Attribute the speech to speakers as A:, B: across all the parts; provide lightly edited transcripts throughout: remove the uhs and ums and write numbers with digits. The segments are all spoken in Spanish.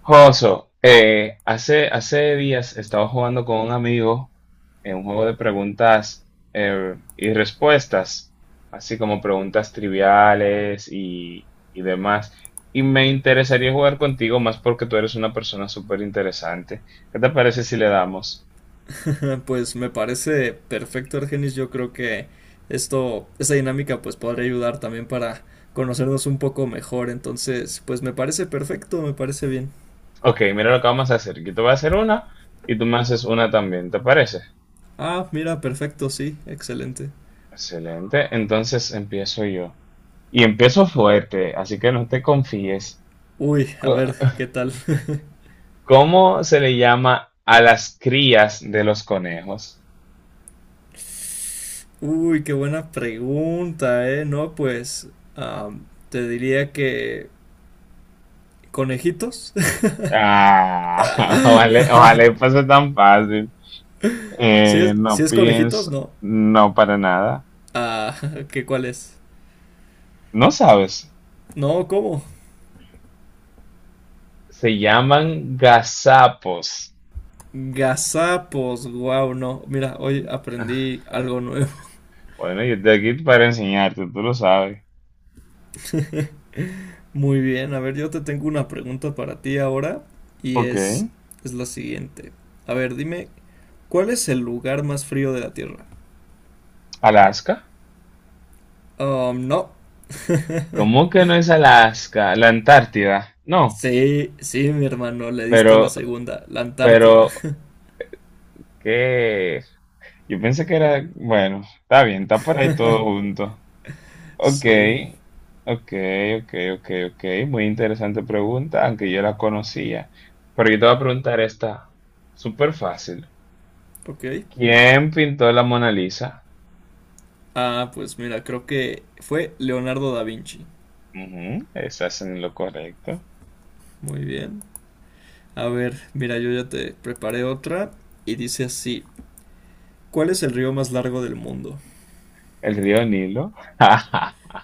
A: Joso, hace días estaba jugando con un amigo en un juego de preguntas y respuestas, así como preguntas triviales y demás. Y me interesaría jugar contigo más porque tú eres una persona súper interesante. ¿Qué te parece si le damos?
B: Pues me parece perfecto, Argenis. Yo creo que esta dinámica, pues podría ayudar también para conocernos un poco mejor. Entonces, pues me parece perfecto, me parece bien.
A: Ok, mira lo que vamos a hacer. Yo te voy a hacer una y tú me haces una también, ¿te parece?
B: Ah, mira, perfecto, sí, excelente.
A: Excelente, entonces empiezo yo. Y empiezo fuerte, así que no te confíes.
B: Uy, a ver, ¿qué tal?
A: ¿Cómo se le llama a las crías de los conejos?
B: Uy, qué buena pregunta, ¿eh? No, pues am, te diría que conejitos.
A: Ah, ojalá, ojalá y fuese tan fácil.
B: Si
A: Eh,
B: es, si
A: no
B: es conejitos,
A: pienso,
B: no.
A: no para nada.
B: Ah, ¿qué cuál es?
A: No sabes.
B: No, ¿cómo?
A: Se llaman gazapos.
B: Gazapos, wow, no. Mira, hoy aprendí algo nuevo.
A: Bueno, yo estoy aquí para enseñarte, tú lo sabes.
B: Muy bien, a ver, yo te tengo una pregunta para ti ahora y
A: Ok.
B: es la siguiente. A ver, dime, ¿cuál es el lugar más frío de la Tierra?
A: Alaska.
B: No.
A: ¿Cómo que no es Alaska? La Antártida. No,
B: Sí, sí, mi hermano, le diste a la
A: pero,
B: segunda, la Antártida.
A: pero, ¿qué? Yo pensé que era, bueno, está bien, está por ahí todo junto. Ok,
B: Sí,
A: ok, ok, ok, ok. Muy interesante pregunta, aunque yo la conocía. Pero yo te voy a preguntar esta, súper fácil.
B: ok.
A: ¿Quién pintó la Mona Lisa?
B: Ah, pues mira, creo que fue Leonardo da Vinci.
A: Ujú, estás en lo correcto.
B: Muy bien. A ver, mira, yo ya te preparé otra y dice así, ¿cuál es el río más largo del mundo?
A: El río Nilo.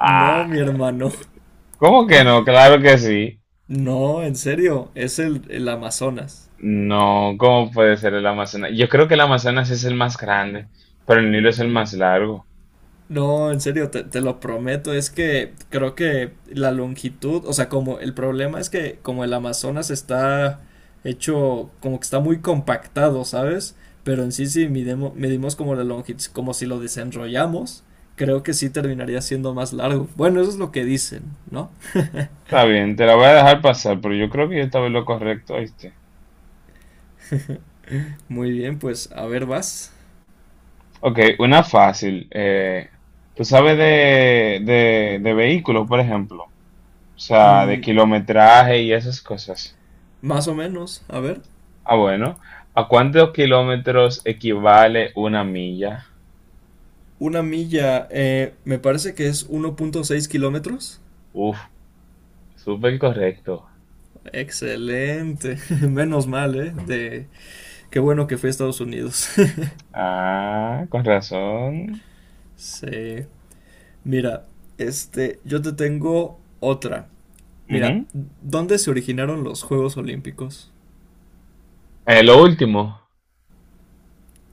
B: No, mi hermano.
A: ¿cómo que no? Claro que sí.
B: No, en serio, es el Amazonas.
A: No, ¿cómo puede ser el Amazonas? Yo creo que el Amazonas es el más grande, pero el Nilo es el más largo.
B: No, en serio, te lo prometo. Es que creo que la longitud, o sea, como el problema es que como el Amazonas está hecho, como que está muy compactado, ¿sabes? Pero en sí, si medimos como la longitud, como si lo desenrollamos, creo que sí terminaría siendo más largo. Bueno, eso es lo que dicen, ¿no?
A: Está bien, te la voy a dejar pasar, pero yo creo que yo estaba en lo correcto, ¿oíste?
B: Muy bien, pues a ver, vas.
A: Ok, una fácil. ¿Tú sabes de vehículos, por ejemplo? O sea, de
B: Mm,
A: kilometraje y esas cosas.
B: Más o menos, a ver.
A: Ah, bueno. ¿A cuántos kilómetros equivale una milla?
B: Una milla, me parece que es 1,6 kilómetros.
A: Uf, súper correcto.
B: Excelente, menos mal, ¿eh? Qué bueno que fui a Estados Unidos.
A: Ah, con razón.
B: Sí, mira, yo te tengo otra. Mira,
A: Ujú.
B: ¿dónde se originaron los Juegos Olímpicos?
A: Lo último,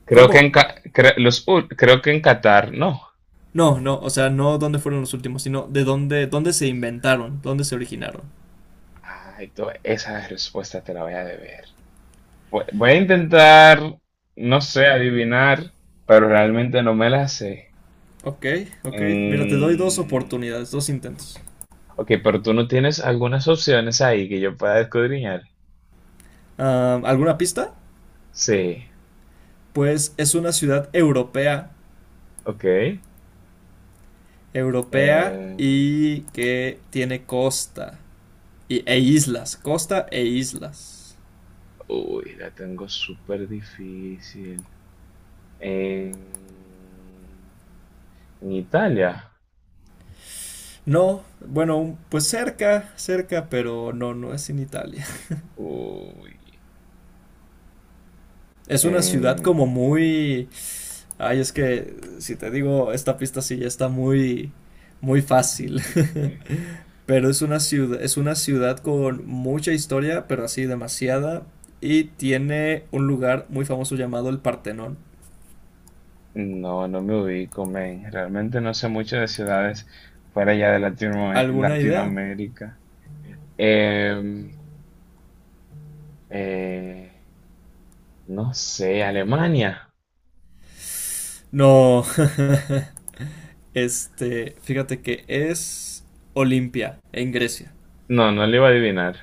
A: creo que en,
B: ¿Cómo?
A: Ca- cre- los, ul- creo que en Qatar, no.
B: No, no, o sea, no dónde fueron los últimos, sino de dónde se inventaron, dónde se originaron.
A: Ay, esa respuesta te la voy a deber. Voy a intentar, no sé, adivinar, pero realmente no me la sé.
B: Ok, ok. Mira, te doy dos
A: Mm,
B: oportunidades, dos intentos.
A: ok, pero tú no tienes algunas opciones ahí que yo pueda escudriñar.
B: Ah, ¿alguna pista?
A: Sí,
B: Pues es una ciudad europea
A: ok.
B: europea
A: Eh,
B: y que tiene costa e islas.
A: Uy, la tengo súper difícil. En, en Italia.
B: No, bueno, pues cerca, cerca, pero no, no es en Italia.
A: Uy.
B: Es una ciudad
A: eh,
B: como muy. Ay, es que si te digo, esta pista sí ya está muy, muy fácil. Pero es una ciudad con mucha historia, pero así demasiada, y tiene un lugar muy famoso llamado el Partenón.
A: no, no me ubico, men. Realmente no sé mucho de ciudades fuera ya de
B: ¿Alguna idea?
A: Latinoamérica. Em, eh, no sé, Alemania.
B: No. Fíjate que es Olimpia, en Grecia.
A: No, no le iba a adivinar.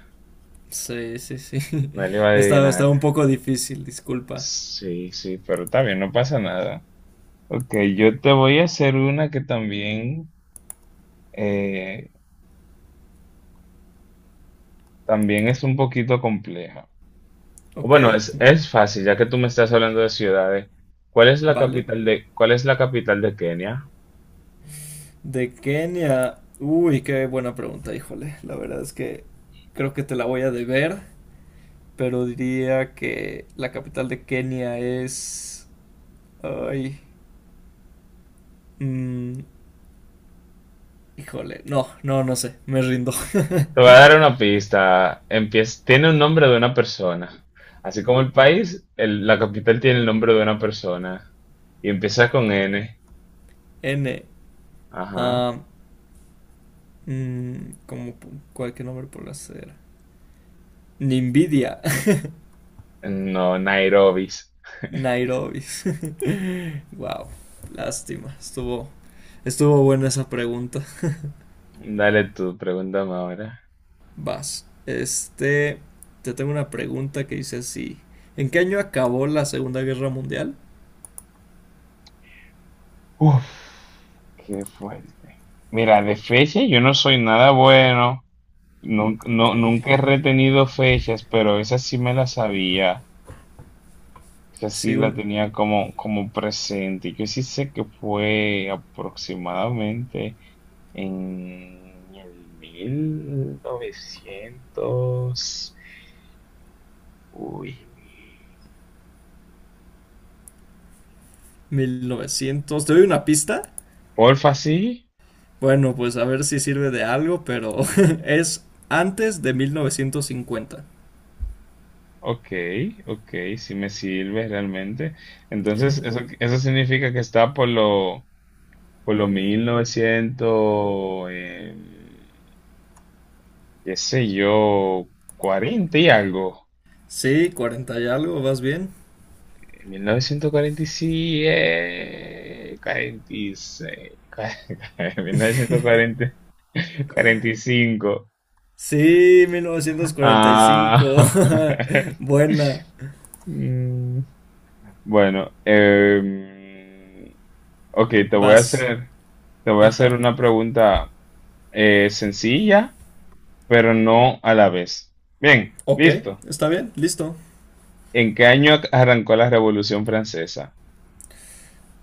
B: Sí, sí, sí.
A: No le iba a
B: Está,
A: adivinar.
B: está un poco difícil, disculpa.
A: Sí, sí, pero está bien, no pasa nada. Ok, yo te voy a hacer una que también, eh, también es un poquito compleja.
B: Ok,
A: Bueno, es fácil, ya que tú me estás hablando de ciudades. ¿Cuál es la
B: vale.
A: capital de, cuál es la capital de Kenia?
B: De Kenia. Uy, qué buena pregunta, híjole. La verdad es que creo que te la voy a deber, pero diría que la capital de Kenia es. Ay, mm, híjole. No, no, no sé. Me rindo.
A: Te voy a dar una pista. Empieza, tiene un nombre de una persona. Así como el país, la capital tiene el nombre de una persona. Y empieza con N.
B: N.
A: Ajá.
B: ah, mm, Como cualquier nombre por hacer. Nimbidia.
A: No, Nairobi.
B: Nairobi. Wow, lástima. Estuvo buena esa pregunta.
A: Dale tú, pregúntame ahora.
B: Vas. Te tengo una pregunta que dice así. ¿En qué año acabó la Segunda Guerra Mundial?
A: Uf, qué fuerte. Mira, de fecha yo no soy nada bueno.
B: Ok.
A: Nunca he retenido fechas, pero esa sí me la sabía. Esa sí
B: Sí,
A: la
B: un
A: tenía como, presente. Yo sí sé que fue aproximadamente en el mil novecientos. Uy.
B: 1900. ¿Te doy una pista?
A: Porfa, sí.
B: Bueno, pues a ver si sirve de algo, pero es antes de 1950.
A: Ok, ok, sí me sirve realmente. Entonces, eso significa que está por lo 1900, qué sé yo, cuarenta y algo.
B: Sí, 40 y algo, ¿vas bien?
A: Mil novecientos cuarenta y siete, cuarenta y seis, mil novecientos cuarenta y cinco.
B: Sí, mil novecientos cuarenta y
A: Ah,
B: cinco. Buena.
A: mm, bueno, ok, te voy a
B: Vas.
A: hacer, te voy a hacer
B: Ajá.
A: una pregunta sencilla, pero no a la vez. Bien,
B: Ok,
A: listo.
B: está bien, listo.
A: ¿En qué año arrancó la Revolución Francesa?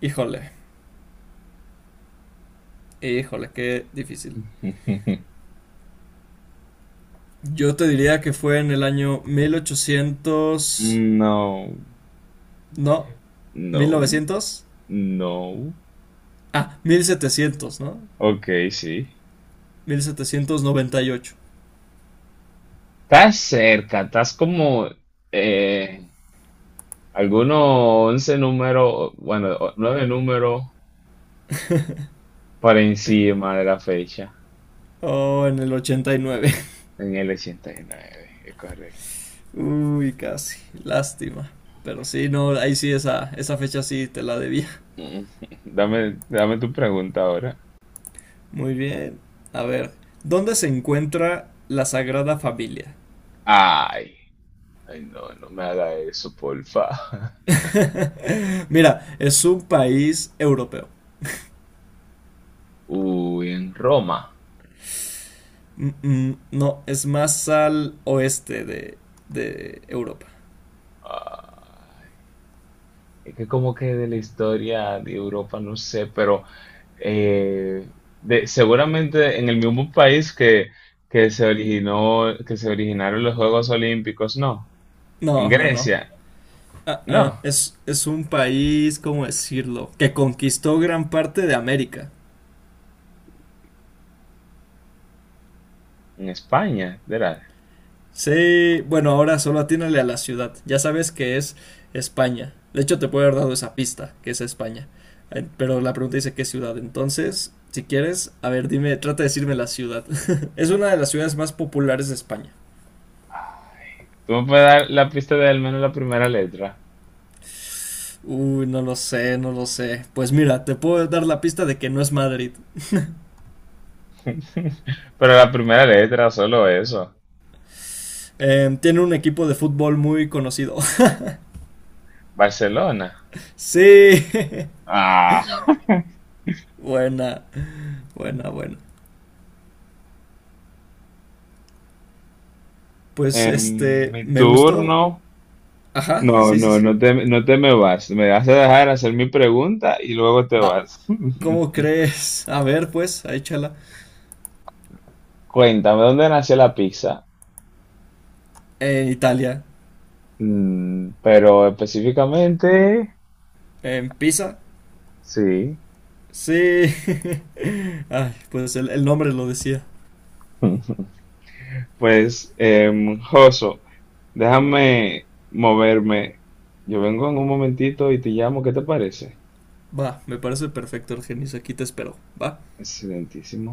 B: Híjole, híjole, qué difícil. Yo te diría que fue en el año 1800.
A: No,
B: No, mil
A: no,
B: novecientos,
A: no.
B: Ah, 1700, ¿no?
A: Ok, sí.
B: 1798.
A: Estás cerca, estás como eh, algunos 11 números, bueno, 9 números por encima de la fecha,
B: Oh, en el 89.
A: en el 89, es correcto.
B: Uy, casi. Lástima. Pero sí, no, ahí sí esa fecha sí te la debía.
A: Dame tu pregunta ahora.
B: Muy bien. A ver, ¿dónde se encuentra la Sagrada Familia?
A: Ay, ay, no, no me haga eso, porfa.
B: Mira, es un país europeo.
A: Uy, en Roma.
B: No, es más al oeste de Europa.
A: Ay, es que como que de la historia de Europa, no sé, pero eh, seguramente en el mismo país que, que se originaron los Juegos Olímpicos, no. En
B: No, no, no.
A: Grecia,
B: Ah, ah,
A: no.
B: es un país, ¿cómo decirlo? Que conquistó gran parte de América.
A: En España, ¿verdad?
B: Sí, bueno, ahora solo atínale a la ciudad. Ya sabes que es España. De hecho, te puedo haber dado esa pista, que es España. Pero la pregunta dice qué ciudad. Entonces, si quieres, a ver, dime, trata de decirme la ciudad. Es una de las ciudades más populares de España.
A: Tú me puedes dar la pista de al menos la primera letra.
B: Uy, no lo sé, no lo sé. Pues mira, te puedo dar la pista de que no es Madrid.
A: Pero la primera letra, solo eso.
B: Tiene un equipo de fútbol muy conocido.
A: Barcelona.
B: Sí.
A: Ah,
B: Buena, buena, buena. Pues
A: en mi
B: me gustó.
A: turno.
B: Ajá,
A: No,
B: sí, sí,
A: no,
B: sí.
A: no te me vas. Me vas a dejar hacer mi pregunta y luego te
B: Ah,
A: vas.
B: ¿cómo crees? A ver, pues, ahí chala.
A: Cuéntame, ¿dónde nació la pizza?
B: En Italia,
A: Pero específicamente,
B: en Pisa.
A: sí.
B: Sí. Ay, pues el nombre lo decía.
A: Pues, Joso, déjame moverme. Yo vengo en un momentito y te llamo. ¿Qué te parece?
B: Va, me parece perfecto, Argenis. Aquí te espero. Va.
A: Excelentísimo.